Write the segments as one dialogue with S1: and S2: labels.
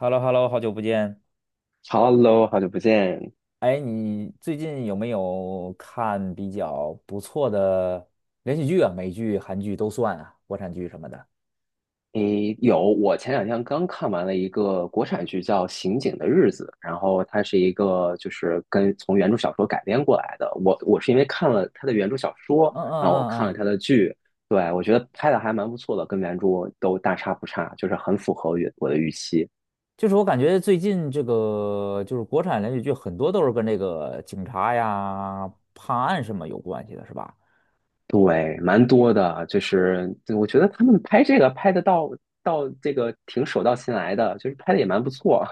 S1: h e l l o h e l l o 好久不见。
S2: Hello，好久不见。
S1: 哎，你最近有没有看比较不错的连续剧啊？美剧、韩剧都算啊，国产剧什么的。
S2: 诶，有，我前两天刚看完了一个国产剧叫《刑警的日子》，然后它是一个就是跟从原著小说改编过来的。我是因为看了它的原著小说，
S1: 嗯嗯
S2: 然后我看
S1: 嗯
S2: 了
S1: 嗯，
S2: 它的剧，对，我觉得拍的还蛮不错的，跟原著都大差不差，就是很符合原我的预期。
S1: 就是我感觉最近这个就是国产连续剧很多都是跟这个警察呀、判案什么有关系的，是吧？
S2: 对，蛮多的，就是对我觉得他们拍这个拍的到这个挺手到擒来的，就是拍的也蛮不错。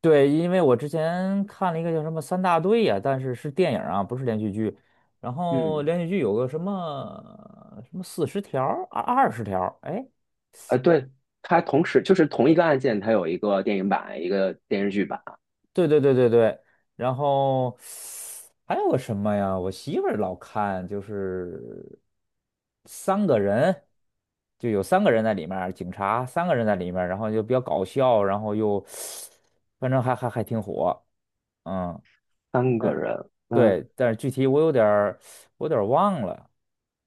S1: 对，因为我之前看了一个叫什么《三大队》呀，但是是电影啊，不是连续剧。然 后
S2: 嗯。
S1: 连续剧有个什么什么40条、二十条，哎，
S2: 对，它同时就是同一个案件，它有一个电影版，一个电视剧版，
S1: 对对对对对，然后还有个什么呀？我媳妇儿老看，就是三个人，就有三个人在里面儿，警察三个人在里面儿，然后就比较搞笑，然后又反正还挺火，嗯，
S2: 三个
S1: 但
S2: 人。嗯，
S1: 对，但是具体我有点儿忘了，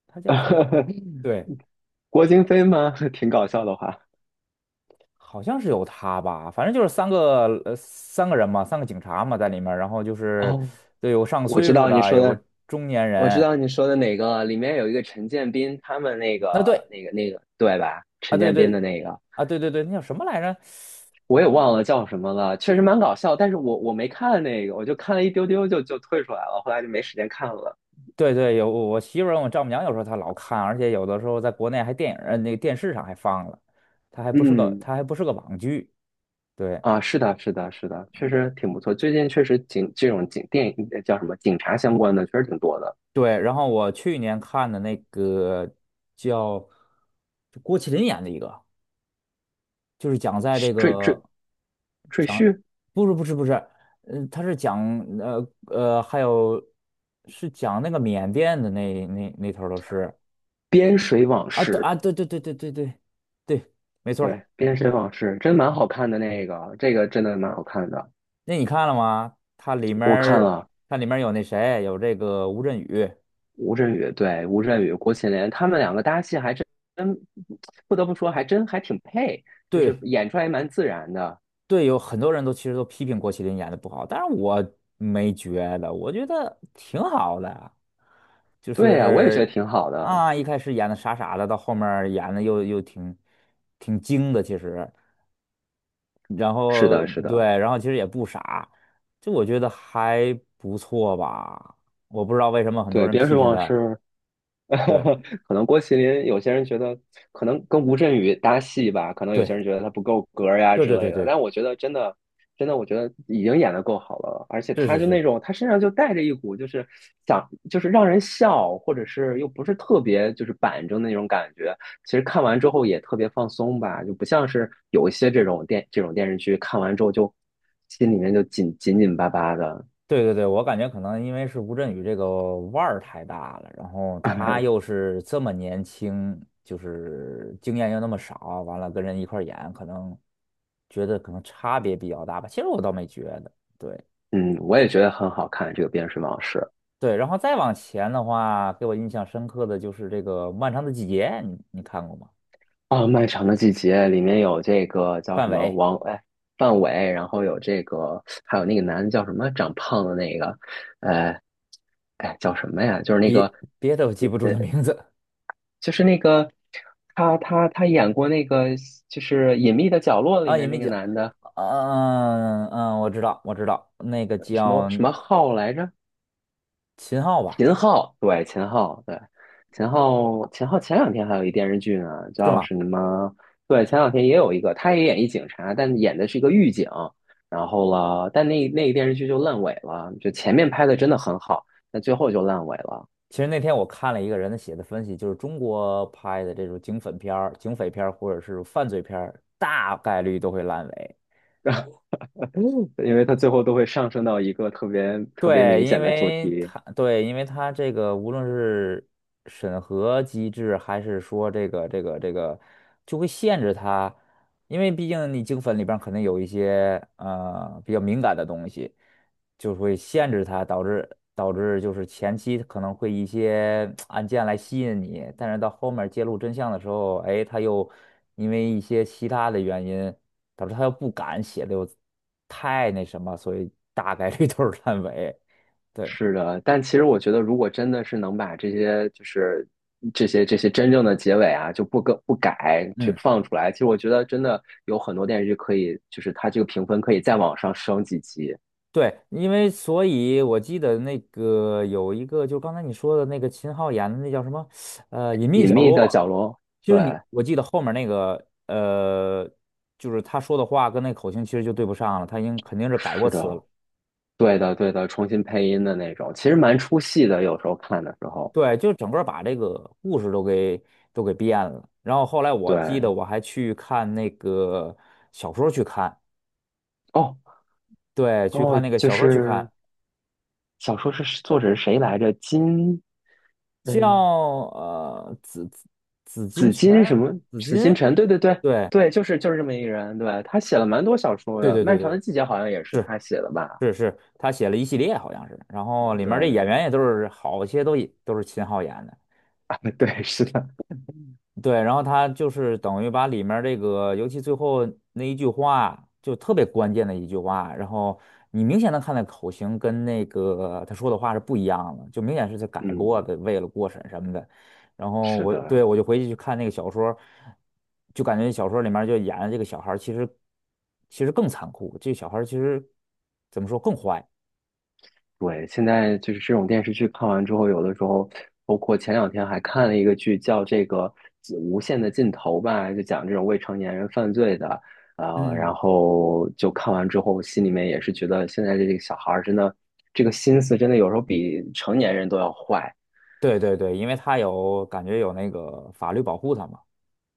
S1: 他叫什么？对。
S2: 郭京飞吗？挺搞笑的话。
S1: 好像是有他吧，反正就是三个人嘛，三个警察嘛在里面儿然后就是
S2: 哦，
S1: 对有上
S2: 我知
S1: 岁数
S2: 道你
S1: 的，
S2: 说
S1: 有个
S2: 的，
S1: 中年
S2: 我知
S1: 人，
S2: 道你说的哪个，里面有一个陈建斌，他们那
S1: 那
S2: 个
S1: 对
S2: 那个那个，对吧？
S1: 啊
S2: 陈
S1: 对
S2: 建斌
S1: 对
S2: 的那个，
S1: 啊对对对，那叫什么来着？
S2: 我也忘了叫什么了，确实蛮搞笑。但是我没看那个，我就看了一丢丢就退出来了，后来就没时间看了。
S1: 对对，有我媳妇儿我丈母娘有时候她老看，而且有的时候在国内还电影儿那个电视上还放了，
S2: 嗯，
S1: 它还不是个网剧，对
S2: 啊，是的，是的，是的，确实挺不错。最近确实警这种警电影叫什么警察相关的，确实挺多的。
S1: 对，然后我去年看的那个叫就郭麒麟演的一个，就是讲在这
S2: 赘赘
S1: 个。
S2: 赘婿，
S1: 不是不是不是，嗯、他是讲还有是讲那个缅甸的那头儿都是
S2: 边水往
S1: 啊，对
S2: 事，
S1: 啊，对对对对对对对，没错儿。
S2: 对，边水往事真蛮好看的那个，这个真的蛮好看的。
S1: 那你看了吗？
S2: 我看了
S1: 它里面儿有那谁，有这个吴镇宇，
S2: 吴镇宇，对，吴镇宇、郭麒麟他们两个搭戏还真不得不说还真还挺配，就是
S1: 对
S2: 演出来蛮自然的。
S1: 对，有很多人都其实都批评郭麒麟演的不好，但是我没觉得，我觉得挺好的，就
S2: 对呀，我也觉得
S1: 是
S2: 挺好的。
S1: 啊，一开始演的傻傻的，到后面儿演的又挺精的，其实。然
S2: 是
S1: 后
S2: 的，是的，
S1: 对，然后其实也不傻，就我觉得还不错吧。我不知道为什么很多
S2: 对，
S1: 人
S2: 边
S1: 批
S2: 水
S1: 评
S2: 往
S1: 他。
S2: 事。
S1: 对
S2: 可能郭麒麟有些人觉得可能跟吴镇宇搭戏吧，可能有些
S1: 对
S2: 人觉得他不够格儿呀
S1: 对
S2: 之
S1: 对
S2: 类
S1: 对
S2: 的，
S1: 对，
S2: 但我觉得真的真的，我觉得已经演的够好了，而且
S1: 是
S2: 他
S1: 是
S2: 就那
S1: 是，
S2: 种他身上就带着一股就是想就是让人笑，或者是又不是特别就是板正的那种感觉。其实看完之后也特别放松吧，就不像是有一些这种电视剧看完之后就心里面就紧巴巴的。
S1: 对对对，我感觉可能因为是吴镇宇这个腕儿太大了，然后他又 是这么年轻，就是经验又那么少，完了跟人一块儿演，可能觉得可能差别比较大吧。其实我倒没觉得，对。
S2: 嗯，我也觉得很好看这个《边睡往事》。
S1: 对，然后再往前的话，给我印象深刻的就是这个《漫长的季节》，你看过吗？
S2: 啊，漫长的季节里面有这个叫
S1: 范
S2: 什么
S1: 伟，
S2: 王，哎，范伟，然后有这个，还有那个男的叫什么，长胖的那个，呃，哎，叫什么呀？就是那个，
S1: 别别的我记不住
S2: 呃，呃
S1: 的名字
S2: 就是那个，他演过那个，就是《隐秘的角落》里
S1: 啊，也
S2: 面
S1: 没
S2: 那个
S1: 讲。
S2: 男的，
S1: 嗯嗯，我知道，我知道，那个
S2: 什么
S1: 叫
S2: 什么浩来着？
S1: 秦昊吧，
S2: 秦昊，对，秦昊，对，秦昊，秦昊前两天还有一电视剧呢，
S1: 是
S2: 叫
S1: 吗？
S2: 什么？对，前两天也有一个，他也演一警察，但演的是一个狱警。然后了，但那那个电视剧就烂尾了，就前面拍的真的很好，但最后就烂尾了，
S1: 其实那天我看了一个人的写的分析，就是中国拍的这种警匪片儿或者是犯罪片儿大概率都会烂尾。
S2: 因为他最后都会上升到一个特别特别
S1: 对，
S2: 明显的主题。
S1: 因为它这个无论是审核机制，还是说这个，就会限制它，因为毕竟你精粉里边可能有一些比较敏感的东西，就会限制它，导致就是前期可能会一些 案件来吸引你，但是到后面揭露真相的时候，哎，它又因为一些其他的原因。导致他又不敢写的又太那什么，所以大概率 都是烂尾。对，
S2: 是的，但其实我觉得，如果真的是能把这些，就是这些真正的结尾啊，就不更不改去
S1: 嗯，
S2: 放出来，其实我觉得真的有很多电视剧可以，就是它这个评分可以再往上升几级。
S1: 对，因为所以我记得那个有一个，就刚才你说的那个秦昊演的那叫什么，《隐秘
S2: 隐
S1: 角
S2: 秘
S1: 落》，
S2: 的角落，
S1: 就
S2: 对，
S1: 是你，我记得后面那个，就是他说的话跟那口型其实就对不上了，他已经肯定是改过
S2: 是
S1: 词
S2: 的，
S1: 了。
S2: 对的，对的，重新配音的那种，其实蛮出戏的，有时候看的时候，
S1: 对，就整个把这个故事都给变了。然后后来我记得
S2: 对，
S1: 我还去看那个小说去看，
S2: 哦
S1: 对，去
S2: 哦，
S1: 看那个
S2: 就
S1: 小说去
S2: 是
S1: 看，
S2: 小说是作者是谁来着？金，
S1: 叫
S2: 嗯，
S1: 紫金
S2: 紫
S1: 陈，
S2: 金什么？
S1: 紫
S2: 紫金
S1: 金，
S2: 陈？对对对
S1: 对
S2: 对，就是就是这么一个人。对，他写了蛮多小说
S1: 对
S2: 的，
S1: 对对
S2: 《漫长
S1: 对，
S2: 的季节》好像也是
S1: 是
S2: 他写的吧？
S1: 是是，他写了一系列好像是，然后里面这
S2: 对
S1: 演员
S2: 对
S1: 也都是好些都也都是秦昊演的。
S2: 对 对，是的，
S1: 对，然后他就是等于把里面儿这个，尤其最后那一句话，就特别关键的一句话，然后你明显能看到口型跟那个他说的话是不一样的，就明显是他改过
S2: 嗯，
S1: 的，为了过审什么的。然后
S2: 是
S1: 我对
S2: 的，
S1: 我就回去去看那个小说，就感觉小说里面儿就演的这个小孩儿其实更残酷，这小孩儿其实怎么说更坏？
S2: 对。现在就是这种电视剧看完之后，有的时候，包括前两天还看了一个剧，叫这个《无限的尽头》吧，就讲这种未成年人犯罪的。然
S1: 嗯
S2: 后就看完之后，心里面也是觉得现在这个小孩儿真的，这个心思真的有时候比成年人都要坏。
S1: 对对对，因为他有感觉有那个法律保护他嘛。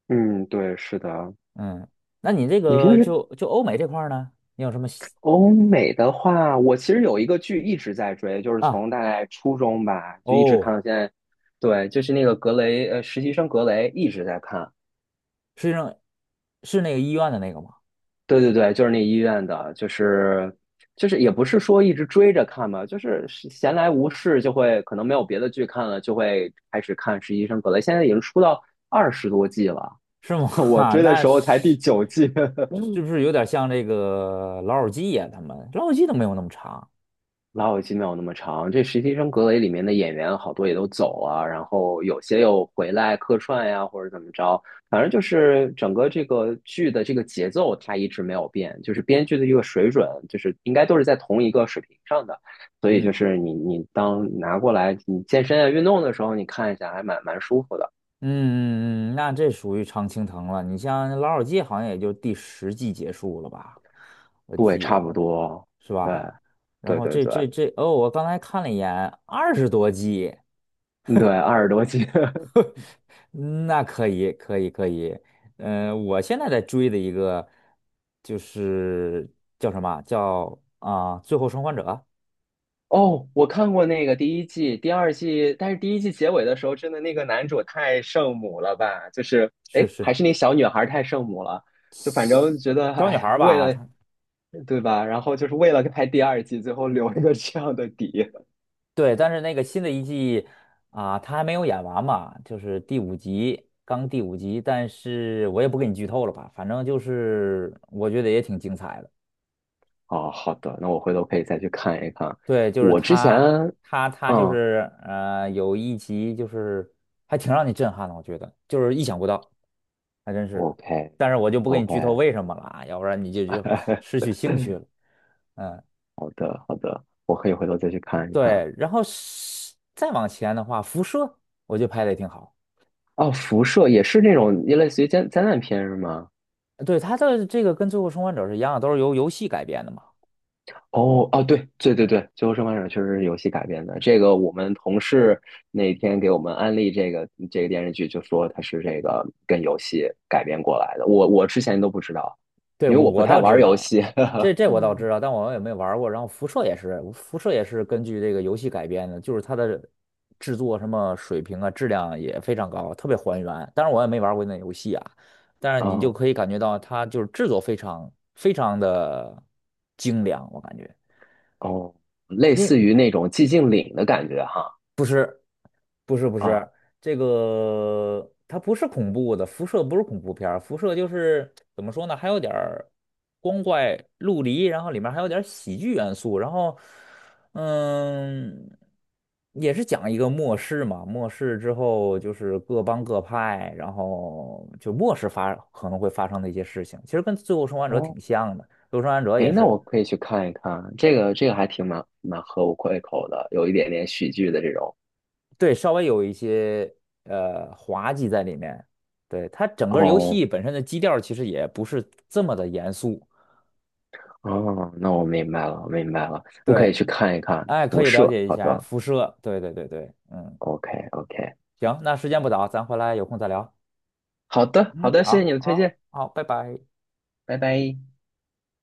S2: 嗯，对，是的，
S1: 嗯，那你这
S2: 你平
S1: 个
S2: 时
S1: 就欧美这块儿呢，你有什么喜
S2: 欧美的话，我其实有一个剧一直在追，就是
S1: 啊？
S2: 从大概初中吧，就一直看
S1: 哦，
S2: 到现在。对，就是那个格雷，实习生格雷一直在看。
S1: 是那是那个医院的那个吗？
S2: 对对对，就是那医院的，就是就是也不是说一直追着看吧，就是闲来无事就会可能没有别的剧看了，就会开始看实习生格雷。现在已经出到20多季了，
S1: 是吗？
S2: 我
S1: 哈，
S2: 追的时候才第九季。
S1: 是不 是有点像这个老友记呀、他们老友记都没有那么长。
S2: 老友记没有那么长，这《实习生格雷》里面的演员好多也都走啊，然后有些又回来客串呀，或者怎么着，反正就是整个这个剧的这个节奏它一直没有变，就是编剧的一个水准，就是应该都是在同一个水平上的，所以就
S1: 嗯
S2: 是你当拿过来你健身啊运动的时候，你看一下还蛮舒服的，
S1: 嗯嗯嗯，那这属于常青藤了。你像老友记好像也就第十季结束了吧？我
S2: 对，
S1: 记得
S2: 差
S1: 好
S2: 不
S1: 像
S2: 多，
S1: 是
S2: 对，
S1: 吧？然
S2: 对
S1: 后
S2: 对
S1: 这
S2: 对
S1: 这这哦，我刚才看了一眼，20多季。
S2: 对，20多集。
S1: 嗯那可以，可以，可以。嗯、我现在在追的一个就是叫什么啊最后生还者》
S2: 哦，我看过那个第一季、第二季，但是第一季结尾的时候，真的那个男主太圣母了吧？就是，
S1: 是
S2: 哎，还
S1: 是
S2: 是那小女孩太圣母了，就反正觉得，
S1: 小女
S2: 哎
S1: 孩
S2: 呀，
S1: 儿
S2: 为
S1: 吧？
S2: 了，
S1: 她
S2: 对吧？然后就是为了拍第二季，最后留一个这样的底。
S1: 对，但是那个新的一季啊、她还没有演完嘛，就是第五集，刚第五集。但是我也不给你剧透了吧，反正就是我觉得也挺精彩的。
S2: 哦，好的，那我回头可以再去看一看。
S1: 对，
S2: 我之前，
S1: 她就
S2: 嗯
S1: 是有一集就是还挺让你震撼的，我觉得就是意想不到。还真是的。但是我就不给你
S2: ，OK，OK，
S1: 剧透为什么了啊，要不然你就失去兴趣了。嗯，
S2: 好的，好的，我可以回头再去看一看。
S1: 对。然后是再往前的话，辐射我觉得拍的也挺好。
S2: 哦，辐射也是那种类似于灾灾难片是吗？
S1: 对，它的这个跟《最后生还者》是一样的，都是由游戏改编的嘛。
S2: 哦哦，对对对对，《最后生还者》确实是游戏改编的。这个我们同事那天给我们安利这个这个电视剧，就说它是这个跟游戏改编过来的。我之前都不知道，
S1: 对，
S2: 因为我不太玩游戏。
S1: 我倒
S2: 嗯，
S1: 知道，但我也没玩儿过。然后辐射也是根据这个游戏改编的，就是它的制作什么水平啊，质量也非常高，特别还原。当然我也没玩过那游戏啊，但是你就
S2: 哦
S1: 可以感觉到它就是制作非常非常的精良，我感觉。
S2: 哦，类似于
S1: 你
S2: 那种寂静岭的感觉哈。
S1: 不是不
S2: 啊
S1: 是，这个它不是恐怖的，辐射不是恐怖片儿辐射就是怎么说呢，还有点儿光怪陆离，然后里面还有点儿喜剧元素，然后嗯，也是讲一个末世嘛，末世之后就是各帮各派，然后就末世可能会发生的一些事情，其实跟《最后生还者》
S2: 哦，
S1: 挺像的，《最后生还者》
S2: 哎，
S1: 也
S2: 那
S1: 是
S2: 我可以去看一看，这个这个还挺蛮合我胃口的，有一点点喜剧的这种。
S1: 对，稍微有一些滑稽在里面。对，它整个游
S2: 哦
S1: 戏本身的基调其实也不是这么的严肃。
S2: 哦，那我明白了，我明白了，你可
S1: 对，
S2: 以去看一看
S1: 哎，可
S2: 《辐
S1: 以
S2: 射》。
S1: 了解一
S2: 好
S1: 下
S2: 的
S1: 辐射。对对对对，嗯，
S2: ，OK，OK，
S1: 行，那时间不早，咱回来有空再聊。
S2: 好的，好
S1: 嗯，
S2: 的，谢谢
S1: 好，
S2: 你的推
S1: 好，
S2: 荐，
S1: 好，拜拜。
S2: 拜拜。